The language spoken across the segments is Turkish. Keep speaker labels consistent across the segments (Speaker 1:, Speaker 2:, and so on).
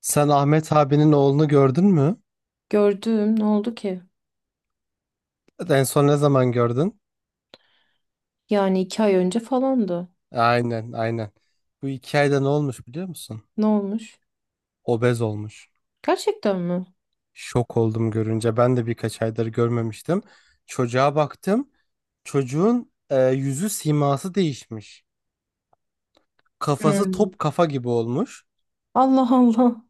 Speaker 1: Sen Ahmet abinin oğlunu gördün mü?
Speaker 2: Gördüm. Ne oldu ki?
Speaker 1: En son ne zaman gördün?
Speaker 2: Yani 2 ay önce falandı.
Speaker 1: Aynen, aynen. Bu 2 ayda ne olmuş biliyor musun?
Speaker 2: Ne olmuş?
Speaker 1: Obez olmuş.
Speaker 2: Gerçekten mi?
Speaker 1: Şok oldum görünce. Ben de birkaç aydır görmemiştim. Çocuğa baktım. Çocuğun yüzü siması değişmiş. Kafası
Speaker 2: Hmm.
Speaker 1: top kafa gibi olmuş.
Speaker 2: Allah Allah.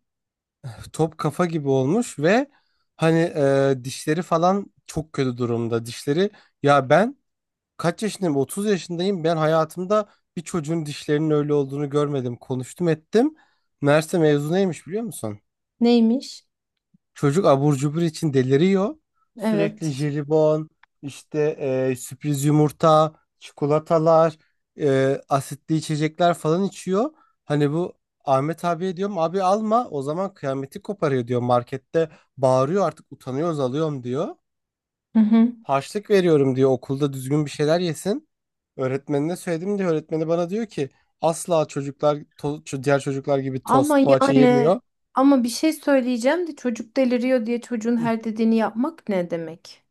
Speaker 1: Top kafa gibi olmuş ve hani dişleri falan çok kötü durumda. Dişleri ya ben Kaç yaşındayım? 30 yaşındayım. Ben hayatımda bir çocuğun dişlerinin öyle olduğunu görmedim. Konuştum ettim. Meğerse mevzu neymiş biliyor musun?
Speaker 2: Neymiş?
Speaker 1: Çocuk abur cubur için deliriyor. Sürekli
Speaker 2: Evet.
Speaker 1: jelibon, işte sürpriz yumurta, çikolatalar, asitli içecekler falan içiyor. Hani bu Ahmet abiye diyorum abi alma, o zaman kıyameti koparıyor diyor, markette bağırıyor artık, utanıyoruz alıyorum diyor.
Speaker 2: Hı hı.
Speaker 1: Harçlık veriyorum diyor, okulda düzgün bir şeyler yesin. Öğretmenine söyledim diyor. Öğretmeni bana diyor ki asla çocuklar diğer çocuklar gibi
Speaker 2: Ama
Speaker 1: tost poğaça
Speaker 2: yani
Speaker 1: yemiyor.
Speaker 2: ama bir şey söyleyeceğim de çocuk deliriyor diye çocuğun her dediğini yapmak ne demek?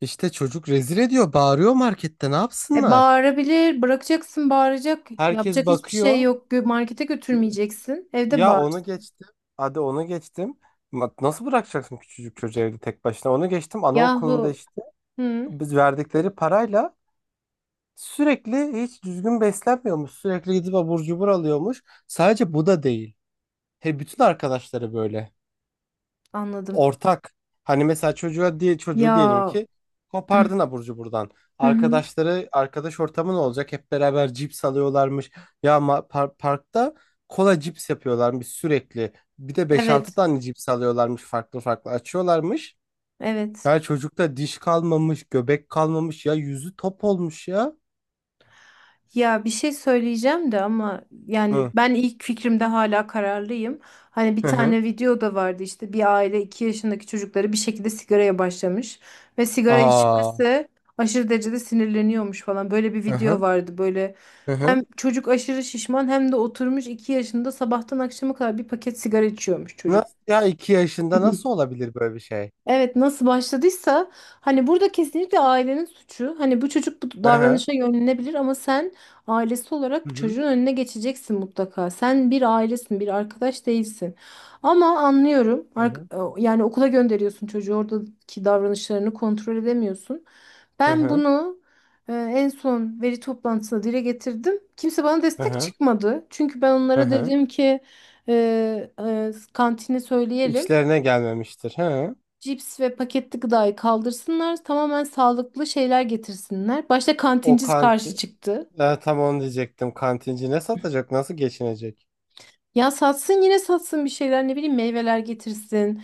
Speaker 1: İşte çocuk rezil ediyor, bağırıyor markette, ne
Speaker 2: E
Speaker 1: yapsınlar?
Speaker 2: bağırabilir, bırakacaksın bağıracak.
Speaker 1: Herkes
Speaker 2: Yapacak hiçbir şey
Speaker 1: bakıyor.
Speaker 2: yok. Markete götürmeyeceksin. Evde
Speaker 1: Ya
Speaker 2: bağır.
Speaker 1: onu geçtim. Hadi onu geçtim. Nasıl bırakacaksın küçücük çocuğu evde tek başına? Onu geçtim. Anaokulunda
Speaker 2: Yahu.
Speaker 1: işte
Speaker 2: Hı,
Speaker 1: biz verdikleri parayla sürekli hiç düzgün beslenmiyormuş. Sürekli gidip abur cubur alıyormuş. Sadece bu da değil. He, bütün arkadaşları böyle
Speaker 2: anladım.
Speaker 1: ortak. Hani mesela çocuğa diye çocuğu diyelim
Speaker 2: Ya.
Speaker 1: ki
Speaker 2: Hı
Speaker 1: kopardın aburcu buradan.
Speaker 2: hı.
Speaker 1: Arkadaşları, arkadaş ortamı ne olacak? Hep beraber cips alıyorlarmış. Ya parkta kola cips yapıyorlarmış sürekli. Bir de beş altı
Speaker 2: Evet.
Speaker 1: tane cips alıyorlarmış, farklı farklı açıyorlarmış.
Speaker 2: Evet.
Speaker 1: Ya çocukta diş kalmamış, göbek kalmamış, ya yüzü top olmuş ya.
Speaker 2: Ya bir şey söyleyeceğim de ama yani
Speaker 1: Hı
Speaker 2: ben ilk fikrimde hala kararlıyım. Hani bir
Speaker 1: hı. Hı.
Speaker 2: tane video da vardı işte bir aile 2 yaşındaki çocukları bir şekilde sigaraya başlamış ve sigara
Speaker 1: Aa.
Speaker 2: içmesi aşırı derecede sinirleniyormuş falan. Böyle bir
Speaker 1: Hı
Speaker 2: video
Speaker 1: hı.
Speaker 2: vardı böyle
Speaker 1: Hı
Speaker 2: hem
Speaker 1: hı.
Speaker 2: çocuk aşırı şişman hem de oturmuş 2 yaşında sabahtan akşama kadar bir paket sigara içiyormuş çocuk.
Speaker 1: Nasıl ya, 2 yaşında nasıl olabilir böyle bir şey?
Speaker 2: Evet nasıl başladıysa hani burada kesinlikle ailenin suçu. Hani bu çocuk bu
Speaker 1: Hı hı.
Speaker 2: davranışa yönlenebilir ama sen ailesi
Speaker 1: Hı
Speaker 2: olarak
Speaker 1: hı.
Speaker 2: çocuğun önüne geçeceksin mutlaka. Sen bir ailesin, bir arkadaş değilsin. Ama anlıyorum.
Speaker 1: Hı hı.
Speaker 2: Yani okula gönderiyorsun çocuğu oradaki davranışlarını kontrol edemiyorsun.
Speaker 1: Hı
Speaker 2: Ben
Speaker 1: hı.
Speaker 2: bunu en son veri toplantısında dile getirdim. Kimse bana
Speaker 1: Hı
Speaker 2: destek
Speaker 1: hı.
Speaker 2: çıkmadı. Çünkü ben
Speaker 1: Hı
Speaker 2: onlara
Speaker 1: hı.
Speaker 2: dedim ki e, kantini söyleyelim
Speaker 1: İşlerine gelmemiştir. Hı.
Speaker 2: cips ve paketli gıdayı kaldırsınlar, tamamen sağlıklı şeyler getirsinler. Başta
Speaker 1: O
Speaker 2: kantinci karşı
Speaker 1: kanti
Speaker 2: çıktı.
Speaker 1: tam onu diyecektim. Kantinci ne satacak? Nasıl geçinecek?
Speaker 2: Ya satsın yine satsın bir şeyler ne bileyim meyveler getirsin.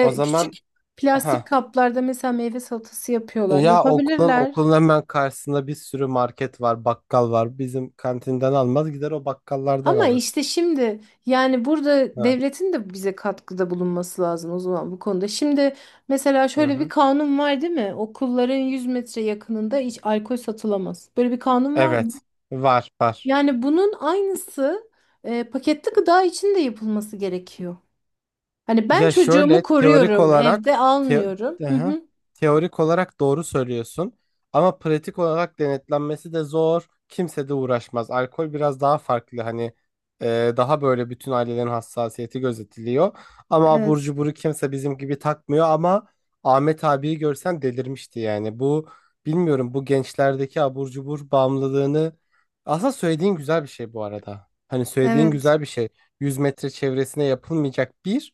Speaker 1: O zaman
Speaker 2: küçük plastik
Speaker 1: ha,
Speaker 2: kaplarda mesela meyve salatası yapıyorlar.
Speaker 1: ya okulun
Speaker 2: Yapabilirler.
Speaker 1: okulun hemen karşısında bir sürü market var, bakkal var. Bizim kantinden almaz, gider o bakkallardan
Speaker 2: Ama
Speaker 1: alır.
Speaker 2: işte şimdi yani burada
Speaker 1: Hı
Speaker 2: devletin de bize katkıda bulunması lazım o zaman bu konuda. Şimdi mesela
Speaker 1: hı.
Speaker 2: şöyle bir
Speaker 1: Hı.
Speaker 2: kanun var değil mi? Okulların 100 metre yakınında hiç alkol satılamaz. Böyle bir kanun var mı?
Speaker 1: Evet. Var, var.
Speaker 2: Yani bunun aynısı paketli gıda için de yapılması gerekiyor. Hani ben
Speaker 1: Ya şöyle
Speaker 2: çocuğumu
Speaker 1: teorik
Speaker 2: koruyorum,
Speaker 1: olarak
Speaker 2: evde
Speaker 1: teo-
Speaker 2: almıyorum. Hı
Speaker 1: Aha,
Speaker 2: hı.
Speaker 1: teorik olarak doğru söylüyorsun ama pratik olarak denetlenmesi de zor. Kimse de uğraşmaz. Alkol biraz daha farklı, hani daha böyle bütün ailelerin hassasiyeti gözetiliyor. Ama abur
Speaker 2: Evet,
Speaker 1: cuburu kimse bizim gibi takmıyor ama Ahmet abiyi görsen delirmişti yani. Bu, bilmiyorum, bu gençlerdeki abur cubur bağımlılığını aslında söylediğin güzel bir şey bu arada. Hani söylediğin
Speaker 2: evet,
Speaker 1: güzel bir şey. 100 metre çevresine yapılmayacak bir.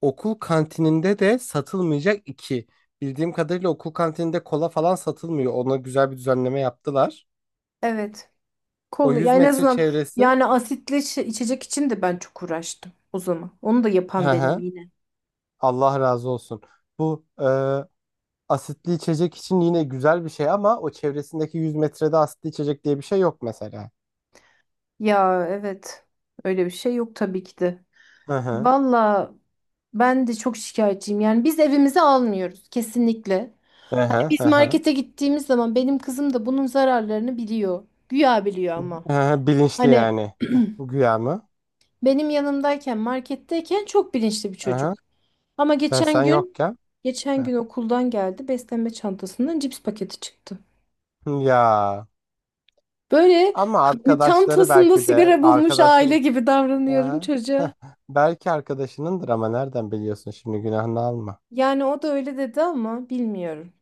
Speaker 1: Okul kantininde de satılmayacak iki. Bildiğim kadarıyla okul kantininde kola falan satılmıyor. Ona güzel bir düzenleme yaptılar.
Speaker 2: evet.
Speaker 1: O
Speaker 2: Kol, ya
Speaker 1: 100
Speaker 2: en
Speaker 1: metre
Speaker 2: azından
Speaker 1: çevresi.
Speaker 2: yani asitli içecek için de ben çok uğraştım o zaman. Onu da yapan
Speaker 1: Hı
Speaker 2: benim
Speaker 1: hı.
Speaker 2: yine.
Speaker 1: Allah razı olsun. Bu asitli içecek için yine güzel bir şey ama o çevresindeki 100 metrede asitli içecek diye bir şey yok mesela.
Speaker 2: Ya evet, öyle bir şey yok tabii ki de.
Speaker 1: Hı hı.
Speaker 2: Valla ben de çok şikayetçiyim. Yani biz evimize almıyoruz kesinlikle.
Speaker 1: Hı
Speaker 2: Hani
Speaker 1: hı
Speaker 2: biz
Speaker 1: hı hı.
Speaker 2: markete gittiğimiz zaman benim kızım da bunun zararlarını biliyor. Güya biliyor ama.
Speaker 1: Hı hı, bilinçli
Speaker 2: Hani
Speaker 1: yani. Güya mı?
Speaker 2: benim yanımdayken, marketteyken çok bilinçli bir
Speaker 1: Hı
Speaker 2: çocuk.
Speaker 1: hı.
Speaker 2: Ama
Speaker 1: E,
Speaker 2: geçen
Speaker 1: sen
Speaker 2: gün,
Speaker 1: yokken.
Speaker 2: geçen
Speaker 1: Hı.
Speaker 2: gün okuldan geldi. Beslenme çantasından cips paketi çıktı.
Speaker 1: Ya.
Speaker 2: Böyle
Speaker 1: Ama arkadaşları
Speaker 2: çantasında
Speaker 1: belki de
Speaker 2: sigara bulmuş aile
Speaker 1: arkadaşın.
Speaker 2: gibi davranıyorum
Speaker 1: Aha. Heh,
Speaker 2: çocuğa.
Speaker 1: belki arkadaşınındır ama nereden biliyorsun şimdi, günahını alma.
Speaker 2: Yani o da öyle dedi ama bilmiyorum.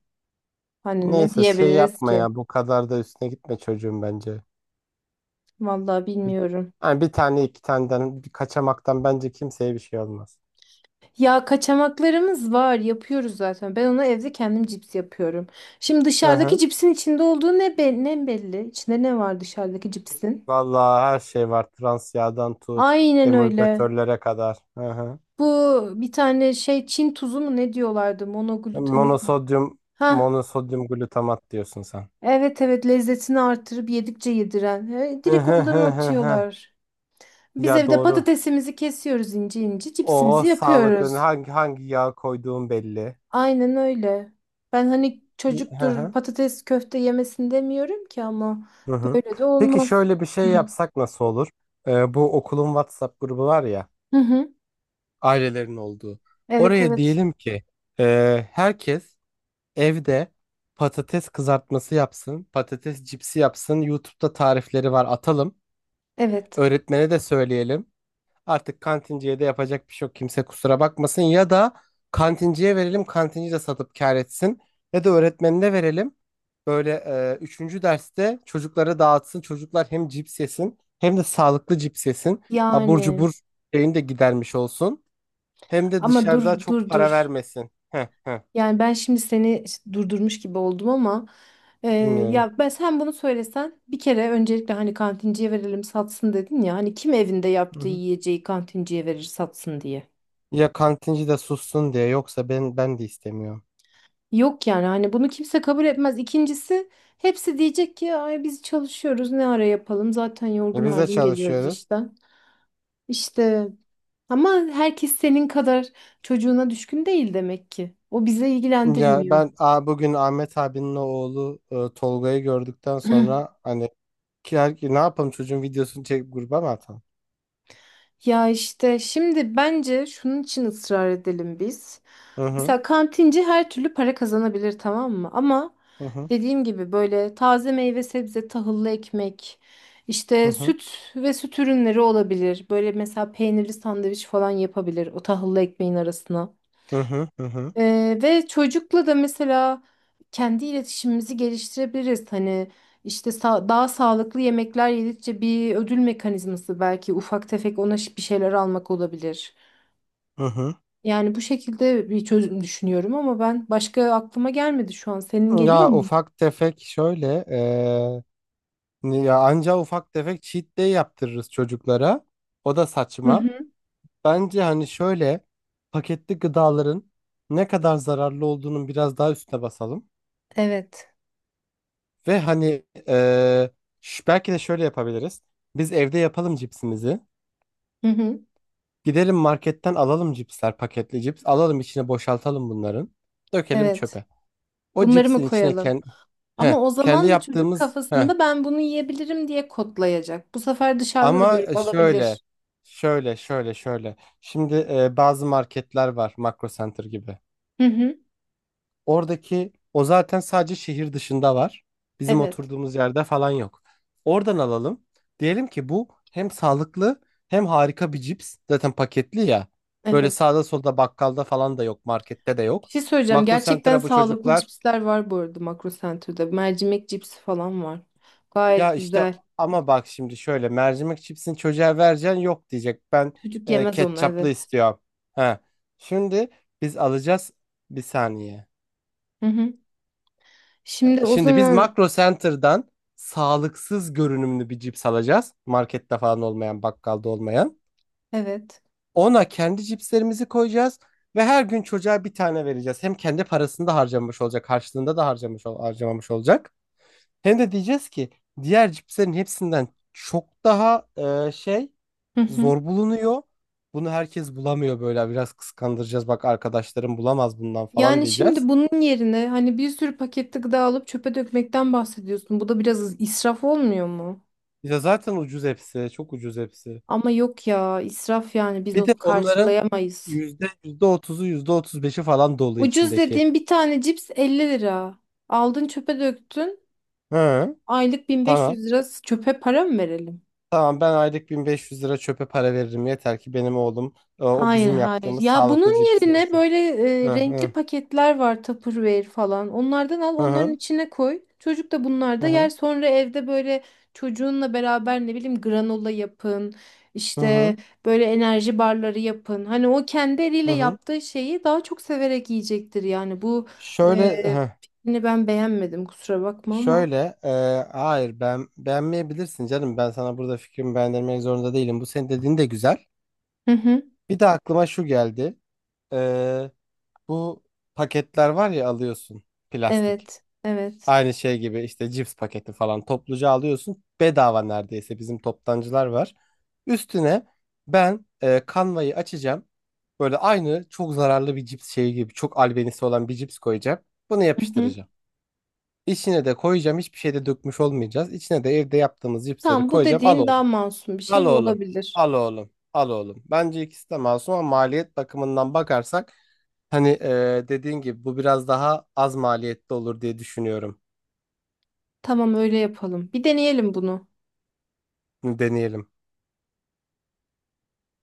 Speaker 2: Hani ne
Speaker 1: Neyse, şey
Speaker 2: diyebiliriz
Speaker 1: yapma
Speaker 2: ki?
Speaker 1: ya, bu kadar da üstüne gitme çocuğum bence.
Speaker 2: Vallahi
Speaker 1: Bir-
Speaker 2: bilmiyorum.
Speaker 1: Yani bir tane iki taneden, bir kaçamaktan bence kimseye bir şey olmaz.
Speaker 2: Ya kaçamaklarımız var, yapıyoruz zaten. Ben ona evde kendim cips yapıyorum. Şimdi
Speaker 1: Hı
Speaker 2: dışarıdaki
Speaker 1: hı.
Speaker 2: cipsin içinde olduğu ne, ne belli? İçinde ne var dışarıdaki cipsin?
Speaker 1: Vallahi her şey var. Trans yağdan tut
Speaker 2: Aynen öyle.
Speaker 1: emulgatörlere kadar. Hı hı.
Speaker 2: Bu bir tane şey Çin tuzu mu ne diyorlardı? Monoglutamik mi?
Speaker 1: Monosodyum
Speaker 2: Ha,
Speaker 1: monosodyum glutamat diyorsun sen.
Speaker 2: evet evet lezzetini artırıp yedikçe yediren. E,
Speaker 1: Hı
Speaker 2: direkt
Speaker 1: hı
Speaker 2: ondan
Speaker 1: hı hı hı.
Speaker 2: atıyorlar. Biz
Speaker 1: Ya
Speaker 2: evde
Speaker 1: doğru.
Speaker 2: patatesimizi kesiyoruz ince ince,
Speaker 1: O
Speaker 2: cipsimizi
Speaker 1: sağlıklı,
Speaker 2: yapıyoruz.
Speaker 1: hangi yağ koyduğun belli.
Speaker 2: Aynen öyle. Ben hani
Speaker 1: Hı
Speaker 2: çocuktur
Speaker 1: hı.
Speaker 2: patates köfte yemesin demiyorum ki ama
Speaker 1: Hı hı.
Speaker 2: böyle de
Speaker 1: Peki
Speaker 2: olmaz.
Speaker 1: şöyle bir şey yapsak nasıl olur? Bu okulun WhatsApp grubu var ya,
Speaker 2: Hı hı.
Speaker 1: ailelerin olduğu.
Speaker 2: Evet
Speaker 1: Oraya
Speaker 2: evet.
Speaker 1: diyelim ki herkes evde patates kızartması yapsın, patates cipsi yapsın. YouTube'da tarifleri var, atalım.
Speaker 2: Evet.
Speaker 1: Öğretmene de söyleyelim. Artık kantinciye de yapacak bir şey yok. Kimse kusura bakmasın. Ya da kantinciye verelim. Kantinci de satıp kâr etsin. Ya da öğretmenine verelim. Böyle üçüncü derste çocuklara dağıtsın. Çocuklar hem cips yesin hem de sağlıklı cips yesin. Abur
Speaker 2: Yani
Speaker 1: cubur şeyini de gidermiş olsun. Hem de
Speaker 2: ama dur
Speaker 1: dışarıda
Speaker 2: dur
Speaker 1: çok
Speaker 2: dur.
Speaker 1: para vermesin. Heh, heh,
Speaker 2: Yani ben şimdi seni işte durdurmuş gibi oldum ama e,
Speaker 1: dinliyorum.
Speaker 2: ya ben sen bunu söylesen bir kere öncelikle hani kantinciye verelim satsın dedin ya hani kim evinde
Speaker 1: Hı
Speaker 2: yaptığı
Speaker 1: hı.
Speaker 2: yiyeceği kantinciye verir satsın diye.
Speaker 1: Ya kantinci de sussun diye, yoksa ben de istemiyorum.
Speaker 2: Yok yani hani bunu kimse kabul etmez. İkincisi hepsi diyecek ki ay biz çalışıyoruz ne ara yapalım zaten
Speaker 1: E,
Speaker 2: yorgun
Speaker 1: biz de
Speaker 2: argın geliyoruz
Speaker 1: çalışıyoruz.
Speaker 2: işten. İşte ama herkes senin kadar çocuğuna düşkün değil demek ki. O bize
Speaker 1: Ya
Speaker 2: ilgilendirmiyor.
Speaker 1: ben, bugün Ahmet abinin oğlu Tolga'yı gördükten sonra hani ki, her- ki ne yapalım, çocuğun videosunu çekip gruba mı atalım?
Speaker 2: Ya işte şimdi bence şunun için ısrar edelim biz.
Speaker 1: Hı hı
Speaker 2: Mesela kantinci her türlü para kazanabilir tamam mı? Ama
Speaker 1: hı hı
Speaker 2: dediğim gibi böyle taze meyve sebze, tahıllı ekmek,
Speaker 1: hı
Speaker 2: işte
Speaker 1: hı
Speaker 2: süt ve süt ürünleri olabilir. Böyle mesela peynirli sandviç falan yapabilir o tahıllı ekmeğin arasına.
Speaker 1: hı hı hı hı.
Speaker 2: Ve çocukla da mesela kendi iletişimimizi geliştirebiliriz. Hani işte daha sağlıklı yemekler yedikçe bir ödül mekanizması belki ufak tefek ona bir şeyler almak olabilir.
Speaker 1: Hı hı.
Speaker 2: Yani bu şekilde bir çözüm düşünüyorum ama ben başka aklıma gelmedi şu an. Senin geliyor
Speaker 1: Ya
Speaker 2: mu?
Speaker 1: ufak tefek şöyle ya anca ufak tefek cheat day yaptırırız çocuklara. O da
Speaker 2: Hı
Speaker 1: saçma.
Speaker 2: hı.
Speaker 1: Bence hani şöyle paketli gıdaların ne kadar zararlı olduğunun biraz daha üstüne basalım.
Speaker 2: Evet.
Speaker 1: Ve hani eee, belki de şöyle yapabiliriz. Biz evde yapalım cipsimizi.
Speaker 2: Hı hı.
Speaker 1: Gidelim marketten alalım cipsler, paketli cips. Alalım, içine boşaltalım bunların. Dökelim
Speaker 2: Evet.
Speaker 1: çöpe. O
Speaker 2: Bunları mı
Speaker 1: cipsin içine
Speaker 2: koyalım?
Speaker 1: kendi,
Speaker 2: Ama o
Speaker 1: kendi
Speaker 2: zaman da çocuk
Speaker 1: yaptığımız... heh.
Speaker 2: kafasında ben bunu yiyebilirim diye kodlayacak. Bu sefer dışarıda da
Speaker 1: Ama
Speaker 2: görüp
Speaker 1: şöyle,
Speaker 2: alabilir.
Speaker 1: şöyle, şöyle, şöyle. Şimdi bazı marketler var. Makro Center gibi.
Speaker 2: Hı hı.
Speaker 1: Oradaki o zaten sadece şehir dışında var. Bizim
Speaker 2: Evet.
Speaker 1: oturduğumuz yerde falan yok. Oradan alalım. Diyelim ki bu hem sağlıklı hem harika bir cips. Zaten paketli ya. Böyle
Speaker 2: Evet.
Speaker 1: sağda solda bakkalda falan da yok, markette de
Speaker 2: Bir
Speaker 1: yok.
Speaker 2: şey söyleyeceğim.
Speaker 1: Makro
Speaker 2: Gerçekten
Speaker 1: Center'a bu
Speaker 2: sağlıklı
Speaker 1: çocuklar,
Speaker 2: cipsler var bu arada Makro Center'da. Mercimek cipsi falan var.
Speaker 1: ya
Speaker 2: Gayet
Speaker 1: işte
Speaker 2: güzel.
Speaker 1: ama bak şimdi şöyle, mercimek cipsini çocuğa vereceksin, yok diyecek. Ben
Speaker 2: Çocuk yemez onu
Speaker 1: ketçaplı
Speaker 2: evet.
Speaker 1: istiyorum. Ha. Şimdi biz alacağız, bir saniye.
Speaker 2: Hı hı. Şimdi o
Speaker 1: Şimdi biz
Speaker 2: zaman
Speaker 1: Makro Center'dan sağlıksız görünümlü bir cips alacağız. Markette falan olmayan, bakkalda olmayan.
Speaker 2: evet.
Speaker 1: Ona kendi cipslerimizi koyacağız ve her gün çocuğa bir tane vereceğiz. Hem kendi parasını da harcamış olacak, karşılığında da harcamamış olacak. Hem de diyeceğiz ki diğer cipslerin hepsinden çok daha e, şey
Speaker 2: Hı hı.
Speaker 1: zor bulunuyor. Bunu herkes bulamıyor, böyle biraz kıskandıracağız. Bak, arkadaşlarım bulamaz bundan falan
Speaker 2: Yani
Speaker 1: diyeceğiz.
Speaker 2: şimdi bunun yerine hani bir sürü paketli gıda alıp çöpe dökmekten bahsediyorsun. Bu da biraz israf olmuyor mu?
Speaker 1: Ya zaten ucuz hepsi, çok ucuz hepsi.
Speaker 2: Ama yok ya israf yani biz
Speaker 1: Bir de
Speaker 2: onu
Speaker 1: onların
Speaker 2: karşılayamayız.
Speaker 1: yüzde otuzu, yüzde otuz beşi falan dolu
Speaker 2: Ucuz
Speaker 1: içindeki.
Speaker 2: dediğim bir tane cips 50 lira. Aldın çöpe döktün.
Speaker 1: Hı.
Speaker 2: Aylık
Speaker 1: Tamam.
Speaker 2: 1500 lira çöpe para mı verelim?
Speaker 1: Tamam, ben aylık 1500 lira çöpe para veririm, yeter ki benim oğlum o
Speaker 2: Hayır
Speaker 1: bizim
Speaker 2: hayır.
Speaker 1: yaptığımız
Speaker 2: Ya
Speaker 1: sağlıklı
Speaker 2: bunun
Speaker 1: cipsi
Speaker 2: yerine
Speaker 1: yesin.
Speaker 2: böyle
Speaker 1: Hı
Speaker 2: renkli
Speaker 1: hı.
Speaker 2: paketler var Tupperware falan. Onlardan al,
Speaker 1: Hı
Speaker 2: onların
Speaker 1: hı.
Speaker 2: içine koy. Çocuk da
Speaker 1: Hı
Speaker 2: bunlarda yer.
Speaker 1: hı.
Speaker 2: Sonra evde böyle çocuğunla beraber ne bileyim granola yapın.
Speaker 1: Hı
Speaker 2: İşte
Speaker 1: hı.
Speaker 2: böyle enerji barları yapın. Hani o kendi
Speaker 1: Hı
Speaker 2: eliyle
Speaker 1: hı.
Speaker 2: yaptığı şeyi daha çok severek yiyecektir yani. Bu
Speaker 1: Şöyle hı.
Speaker 2: fikrini ben beğenmedim kusura bakma ama.
Speaker 1: Şöyle hayır, ben beğenmeyebilirsin canım, ben sana burada fikrimi beğendirmek zorunda değilim. Bu senin dediğin de güzel.
Speaker 2: Hı hı.
Speaker 1: Bir de aklıma şu geldi. E, bu paketler var ya, alıyorsun plastik.
Speaker 2: Evet, evet.
Speaker 1: Aynı şey gibi işte, cips paketi falan topluca alıyorsun. Bedava neredeyse, bizim toptancılar var. Üstüne ben kanvayı açacağım. Böyle aynı çok zararlı bir cips şeyi gibi, çok albenisi olan bir cips koyacağım. Bunu
Speaker 2: Hı hı.
Speaker 1: yapıştıracağım. İçine de koyacağım. Hiçbir şey de dökmüş olmayacağız. İçine de evde yaptığımız cipsleri
Speaker 2: Tamam bu
Speaker 1: koyacağım. Al
Speaker 2: dediğin daha
Speaker 1: oğlum.
Speaker 2: masum bir şey
Speaker 1: Al
Speaker 2: ve
Speaker 1: oğlum.
Speaker 2: olabilir.
Speaker 1: Al oğlum. Al oğlum. Bence ikisi de masum ama maliyet bakımından bakarsak hani dediğin gibi bu biraz daha az maliyetli olur diye düşünüyorum.
Speaker 2: Tamam öyle yapalım. Bir deneyelim bunu.
Speaker 1: Deneyelim.